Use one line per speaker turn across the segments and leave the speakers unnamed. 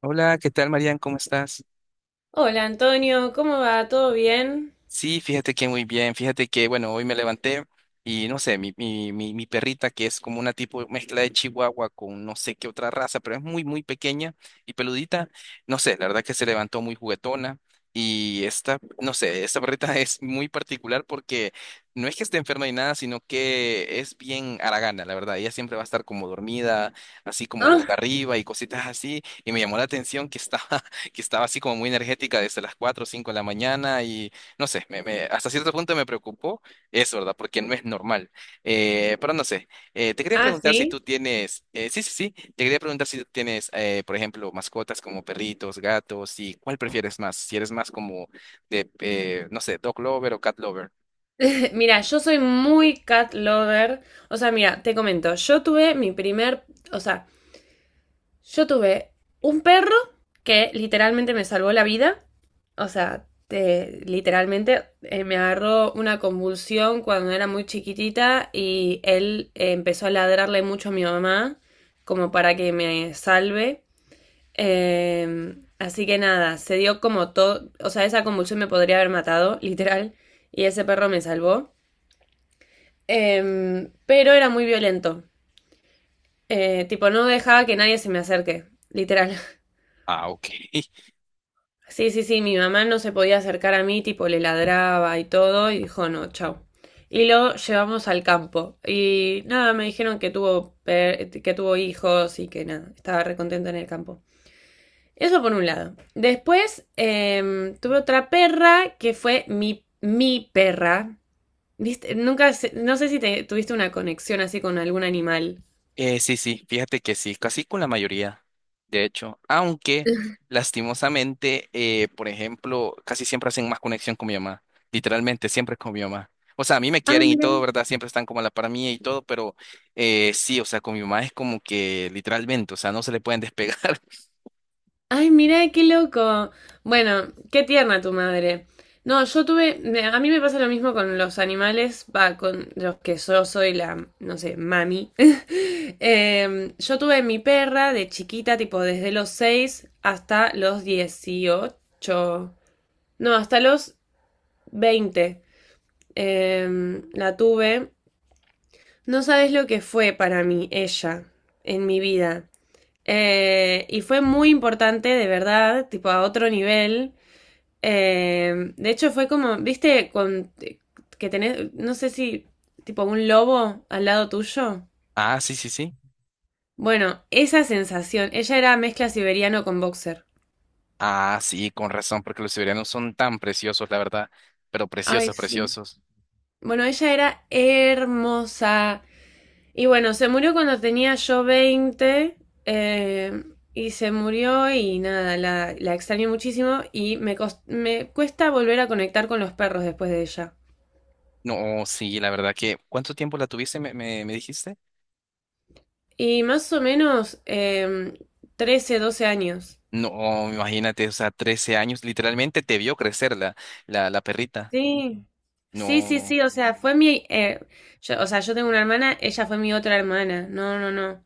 Hola, ¿qué tal, Marian? ¿Cómo estás?
Hola Antonio, ¿cómo va? ¿Todo bien?
Sí, fíjate que muy bien, fíjate que, bueno, hoy me levanté y no sé, mi perrita que es como una tipo mezcla de chihuahua con no sé qué otra raza, pero es muy, muy pequeña y peludita, no sé, la verdad que se levantó muy juguetona y esta, no sé, esta perrita es muy particular porque no es que esté enferma ni nada, sino que es bien haragana, la verdad, ella siempre va a estar como dormida, así como boca
Ah,
arriba y cositas así, y me llamó la atención que estaba, que estaba así como muy energética desde las 4 o 5 de la mañana. No sé, hasta cierto punto me preocupó eso, ¿verdad? Porque no es normal. Pero no sé, te quería
Ah,
preguntar si tú
sí.
tienes, te quería preguntar si tú tienes, por ejemplo, mascotas como perritos, gatos, y cuál prefieres más, si eres más como de, no sé, dog lover o cat lover.
Mira, yo soy muy cat lover. O sea, mira, te comento, yo tuve mi primer, o sea, yo tuve un perro que literalmente me salvó la vida. O sea, literalmente me agarró una convulsión cuando era muy chiquitita y él empezó a ladrarle mucho a mi mamá como para que me salve. Así que nada, se dio como todo, o sea, esa convulsión me podría haber matado, literal, y ese perro me salvó. Pero era muy violento, tipo, no dejaba que nadie se me acerque, literal.
Ah, ok.
Sí, sí, sí, mi mamá no se podía acercar a mí, tipo, le ladraba y todo, y dijo, no, chao. Y lo llevamos al campo. Y nada, me dijeron que tuvo, que tuvo hijos y que nada, estaba recontento en el campo. Eso por un lado. Después tuve otra perra que fue mi perra. ¿Viste? Nunca, no sé si tuviste una conexión así con algún animal.
Sí, sí, fíjate que sí, casi con la mayoría, de hecho, aunque lastimosamente, por ejemplo, casi siempre hacen más conexión con mi mamá, literalmente siempre con mi mamá. O sea, a mí me
Ah,
quieren y
mira.
todo, ¿verdad? Siempre están como a la par mía y todo, pero sí, o sea, con mi mamá es como que literalmente, o sea, no se le pueden despegar.
Ay, mira, qué loco. Bueno, qué tierna tu madre. No, a mí me pasa lo mismo con los animales, va, con los que yo soy la, no sé, mami. Yo tuve mi perra de chiquita, tipo desde los 6 hasta los 18. No, hasta los 20 la tuve. No sabes lo que fue para mí ella en mi vida. Y fue muy importante, de verdad, tipo a otro nivel. De hecho, fue como, viste, con que tenés, no sé si, tipo un lobo al lado tuyo.
Ah, sí, sí, sí.
Bueno, esa sensación. Ella era mezcla siberiano con boxer.
Ah, sí, con razón, porque los siberianos son tan preciosos, la verdad, pero
Ay,
preciosos,
sí.
preciosos.
Bueno, ella era hermosa. Y bueno, se murió cuando tenía yo 20 eh, y se murió y nada, la extraño muchísimo y me cuesta volver a conectar con los perros después de ella.
No, sí, la verdad que, ¿cuánto tiempo la tuviste, me dijiste?
Y más o menos 13, 12 años.
No, imagínate, o sea, 13 años, literalmente te vio crecer la perrita.
Sí, sí, sí, sí,
No.
o sea, fue mi... o sea, yo tengo una hermana, ella fue mi otra hermana. No, no, no.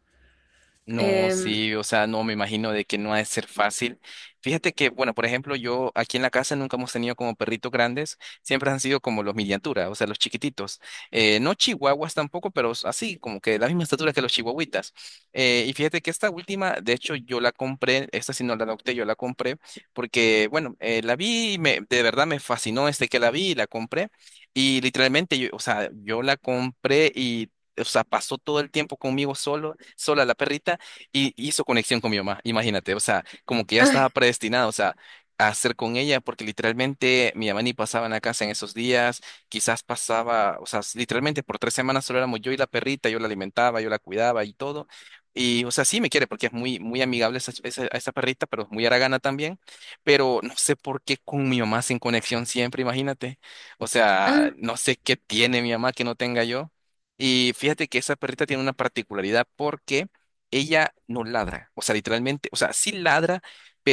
No,
Em,
sí, o sea, no me imagino de que no ha de ser fácil. Fíjate que, bueno, por ejemplo, yo aquí en la casa nunca hemos tenido como perritos grandes, siempre han sido como los miniaturas, o sea, los chiquititos. No chihuahuas tampoco, pero así, como que de la misma estatura que los chihuahuitas. Y fíjate que esta última, de hecho, yo la compré, esta sí no la adopté, yo la compré, porque, bueno, la vi, y me, de verdad me fascinó este que la vi y la compré. Y literalmente, yo, o sea, yo la compré y, o sea, pasó todo el tiempo conmigo solo, sola la perrita y hizo conexión con mi mamá, imagínate, o sea, como que ya
ay,
estaba predestinado, o sea, a hacer con ella, porque literalmente mi mamá ni pasaba en la casa en esos días, quizás pasaba, o sea, literalmente por 3 semanas solo éramos yo y la perrita, yo la alimentaba, yo la cuidaba y todo. Y, o sea, sí me quiere porque es muy, muy amigable esa perrita, pero es muy haragana también. Pero no sé por qué con mi mamá sin conexión siempre, imagínate. O sea,
ah,
no sé qué tiene mi mamá que no tenga yo. Y fíjate que esa perrita tiene una particularidad porque ella no ladra, o sea, literalmente, o sea, sí ladra,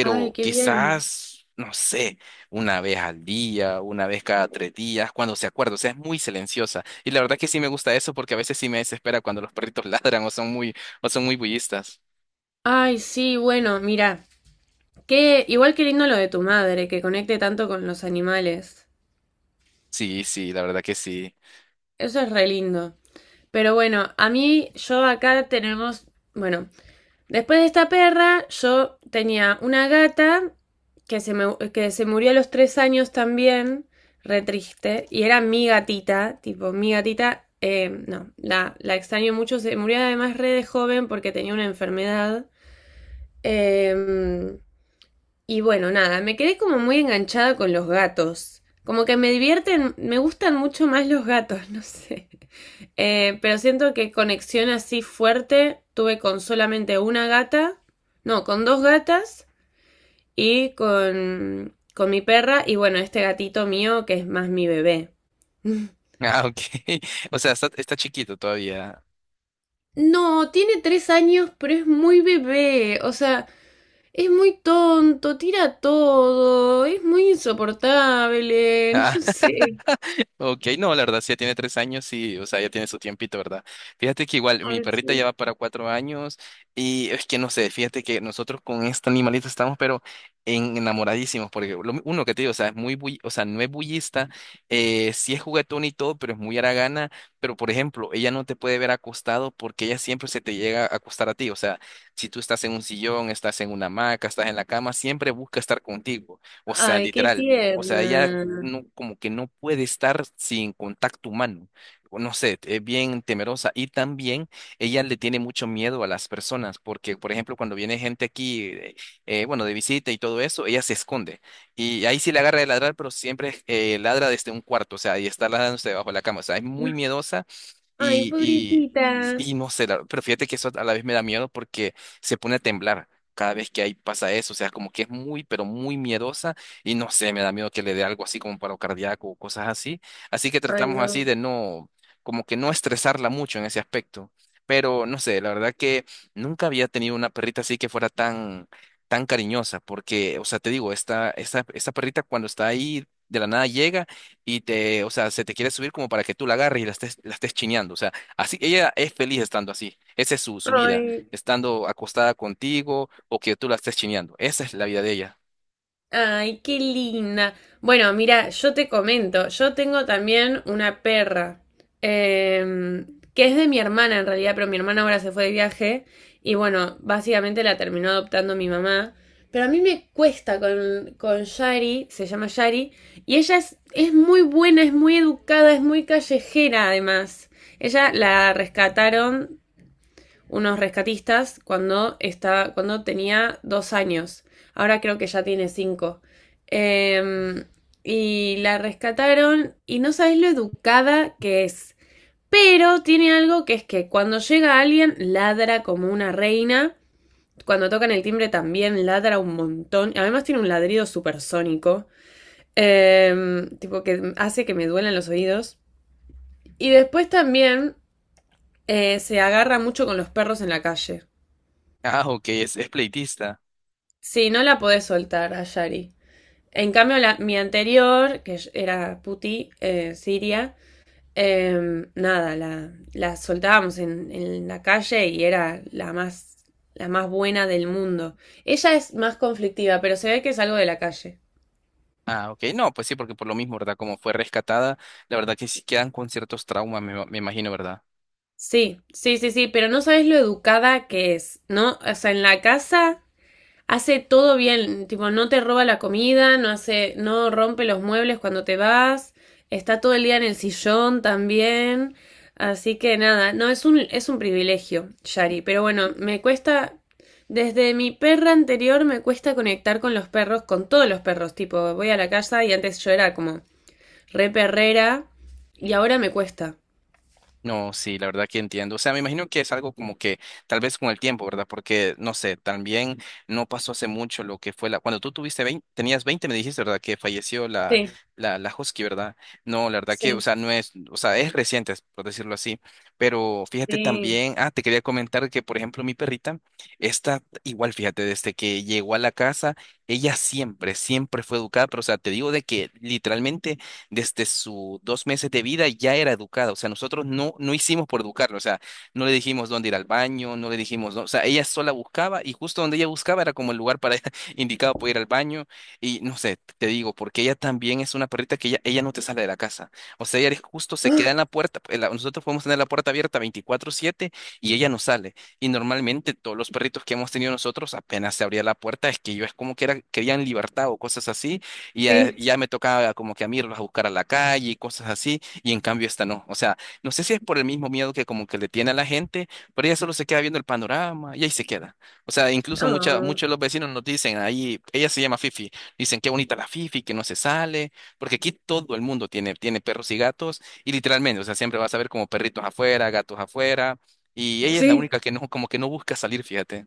ay, qué bien.
quizás, no sé, una vez al día, una vez cada tres días, cuando se acuerda, o sea, es muy silenciosa. Y la verdad que sí me gusta eso porque a veces sí me desespera cuando los perritos ladran o son muy bullistas.
Ay, sí, bueno, mira. Que igual que lindo lo de tu madre, que conecte tanto con los animales.
Sí, sí, la verdad que sí.
Eso es re lindo. Pero bueno, a mí, yo acá tenemos, bueno, después de esta perra, yo tenía una gata que se murió a los 3 años también, re triste, y era mi gatita, tipo, mi gatita, no, la extraño mucho, se murió además re de joven porque tenía una enfermedad. Eh, Y bueno, nada, me quedé como muy enganchada con los gatos. Como que me divierten, me gustan mucho más los gatos, no sé. Pero siento que conexión así fuerte tuve con solamente una gata, no, con dos gatas y con mi perra y bueno, este gatito mío que es más mi bebé.
Ah, ok. O sea, está, está chiquito todavía.
No, tiene 3 años, pero es muy bebé, o sea, es muy tonto, tira todo, es muy insoportable, no sé.
Ok, no, la verdad, sí, ya tiene 3 años y, o sea, ya tiene su tiempito, ¿verdad? Fíjate que igual mi
Ay,
perrita ya
sí.
va para 4 años y es que no sé, fíjate que nosotros con este animalito estamos, pero enamoradísimos, porque uno que te digo, o sea, es muy, o sea, no es bullista, sí es juguetón y todo, pero es muy haragana, pero por ejemplo, ella no te puede ver acostado porque ella siempre se te llega a acostar a ti, o sea, si tú estás en un sillón, estás en una hamaca, estás en la cama, siempre busca estar contigo, o sea,
Ay, qué
literal. O sea, ella
tierna.
no, como que no puede estar sin contacto humano. O no sé, es bien temerosa. Y también ella le tiene mucho miedo a las personas, porque, por ejemplo, cuando viene gente aquí, bueno, de visita y todo eso, ella se esconde. Y ahí sí le agarra de ladrar, pero siempre ladra desde un cuarto, o sea, y está ladrándose debajo de la cama. O sea, es muy miedosa
Ay,
y,
pobrecita.
y no sé, pero fíjate que eso a la vez me da miedo porque se pone a temblar cada vez que ahí pasa eso. O sea, como que es muy, pero muy miedosa y no sé, me da miedo que le dé algo así como paro cardíaco o cosas así. Así que
Ay,
tratamos así
no.
de no, como que no estresarla mucho en ese aspecto. Pero no sé, la verdad que nunca había tenido una perrita así que fuera tan, tan cariñosa porque, o sea, te digo, esta perrita cuando está ahí... De la nada llega y te, o sea, se te quiere subir como para que tú la agarres y la estés chineando. O sea, así, ella es feliz estando así. Esa es su, su vida,
Ay,
estando acostada contigo o que tú la estés chineando. Esa es la vida de ella.
Ay, qué linda. Bueno, mira, yo te comento, yo tengo también una perra, eh, que es de mi hermana en realidad, pero mi hermana ahora se fue de viaje y bueno, básicamente la terminó adoptando mi mamá. Pero a mí me cuesta con Shari, se llama Shari, y ella es muy buena, es muy educada, es muy callejera además. Ella la rescataron unos rescatistas cuando tenía 2 años. Ahora creo que ya tiene 5. Em, y la rescataron y no sabes lo educada que es. Pero tiene algo que es que cuando llega alguien ladra como una reina. Cuando tocan el timbre también ladra un montón. Además tiene un ladrido supersónico. Tipo que hace que me duelan los oídos. Y después también se agarra mucho con los perros en la calle.
Ah, ok, es pleitista.
Sí, no la podés soltar a Yari. En cambio, mi anterior, que era Puti, Siria, nada, la soltábamos en la calle y era la más buena del mundo. Ella es más conflictiva, pero se ve que es algo de la calle.
Ah, ok, no, pues sí, porque por lo mismo, ¿verdad? Como fue rescatada, la verdad que sí quedan con ciertos traumas, me imagino, ¿verdad?
Sí, sí, sí, sí, pero no sabes lo educada que es, ¿no? O sea, en la casa hace todo bien, tipo, no te roba la comida, no hace, no rompe los muebles cuando te vas, está todo el día en el sillón también. Así que nada, no, es un, privilegio, Shari. Pero bueno, me cuesta. Desde mi perra anterior me cuesta conectar con los perros, con todos los perros. Tipo, voy a la casa y antes yo era como re perrera y ahora me cuesta.
No, sí, la verdad que entiendo. O sea, me imagino que es algo como que tal vez con el tiempo, ¿verdad? Porque, no sé, también no pasó hace mucho lo que fue la... Cuando tú tuviste 20, tenías 20, me dijiste, ¿verdad? Que falleció la,
Sí,
la Husky, ¿verdad? No, la verdad que, o
sí,
sea, no es, o sea, es reciente, por decirlo así. Pero fíjate
sí.
también, ah, te quería comentar que, por ejemplo, mi perrita, está igual, fíjate, desde que llegó a la casa, ella siempre, siempre fue educada, pero, o sea, te digo de que literalmente desde sus 2 meses de vida ya era educada. O sea, nosotros no, no hicimos por educarla. O sea, no le dijimos dónde ir al baño, no le dijimos, o sea, ella sola buscaba y justo donde ella buscaba era como el lugar para indicado para ir al baño. Y no sé, te digo, porque ella también es una perrita que ella no te sale de la casa. O sea, ella justo se queda en la puerta. Nosotros podemos tener la puerta abierta 24/7 y ella no sale. Y normalmente todos los perritos que hemos tenido nosotros apenas se abría la puerta, es que yo es como que era, querían libertad o cosas así y ya,
Sí.
ya me tocaba como que a mí irlos a buscar a la calle y cosas así, y en cambio esta no. O sea, no sé si es por el mismo miedo que como que le tiene a la gente, pero ella solo se queda viendo el panorama y ahí se queda. O sea, incluso mucha,
Ah,
muchos de los vecinos nos dicen, ahí, ella se llama Fifi, dicen qué bonita la Fifi, que no se sale, porque aquí todo el mundo tiene, tiene perros y gatos, y literalmente, o sea, siempre vas a ver como perritos afuera, gatos afuera. Y ella es la
sí.
única que no, como que no busca salir, fíjate.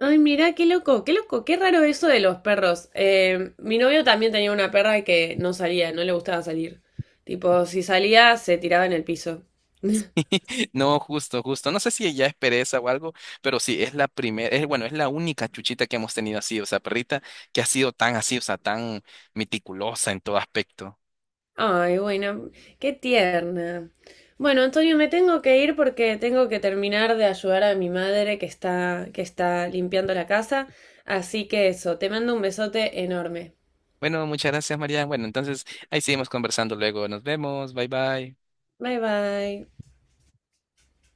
Ay, mirá, qué loco, qué loco, qué raro eso de los perros. Mi novio también tenía una perra que no salía, no le gustaba salir. Tipo, si salía, se tiraba en el piso.
No, justo, justo. No sé si ella es pereza o algo, pero sí, es la primera, es, bueno, es la única chuchita que hemos tenido así, o sea, perrita que ha sido tan así, o sea, tan meticulosa en todo aspecto.
Ay, bueno, qué tierna. Bueno, Antonio, me tengo que ir porque tengo que terminar de ayudar a mi madre que está limpiando la casa. Así que eso, te mando un besote enorme.
Bueno, muchas gracias, María. Bueno, entonces ahí seguimos conversando luego. Nos vemos. Bye bye.
Bye bye.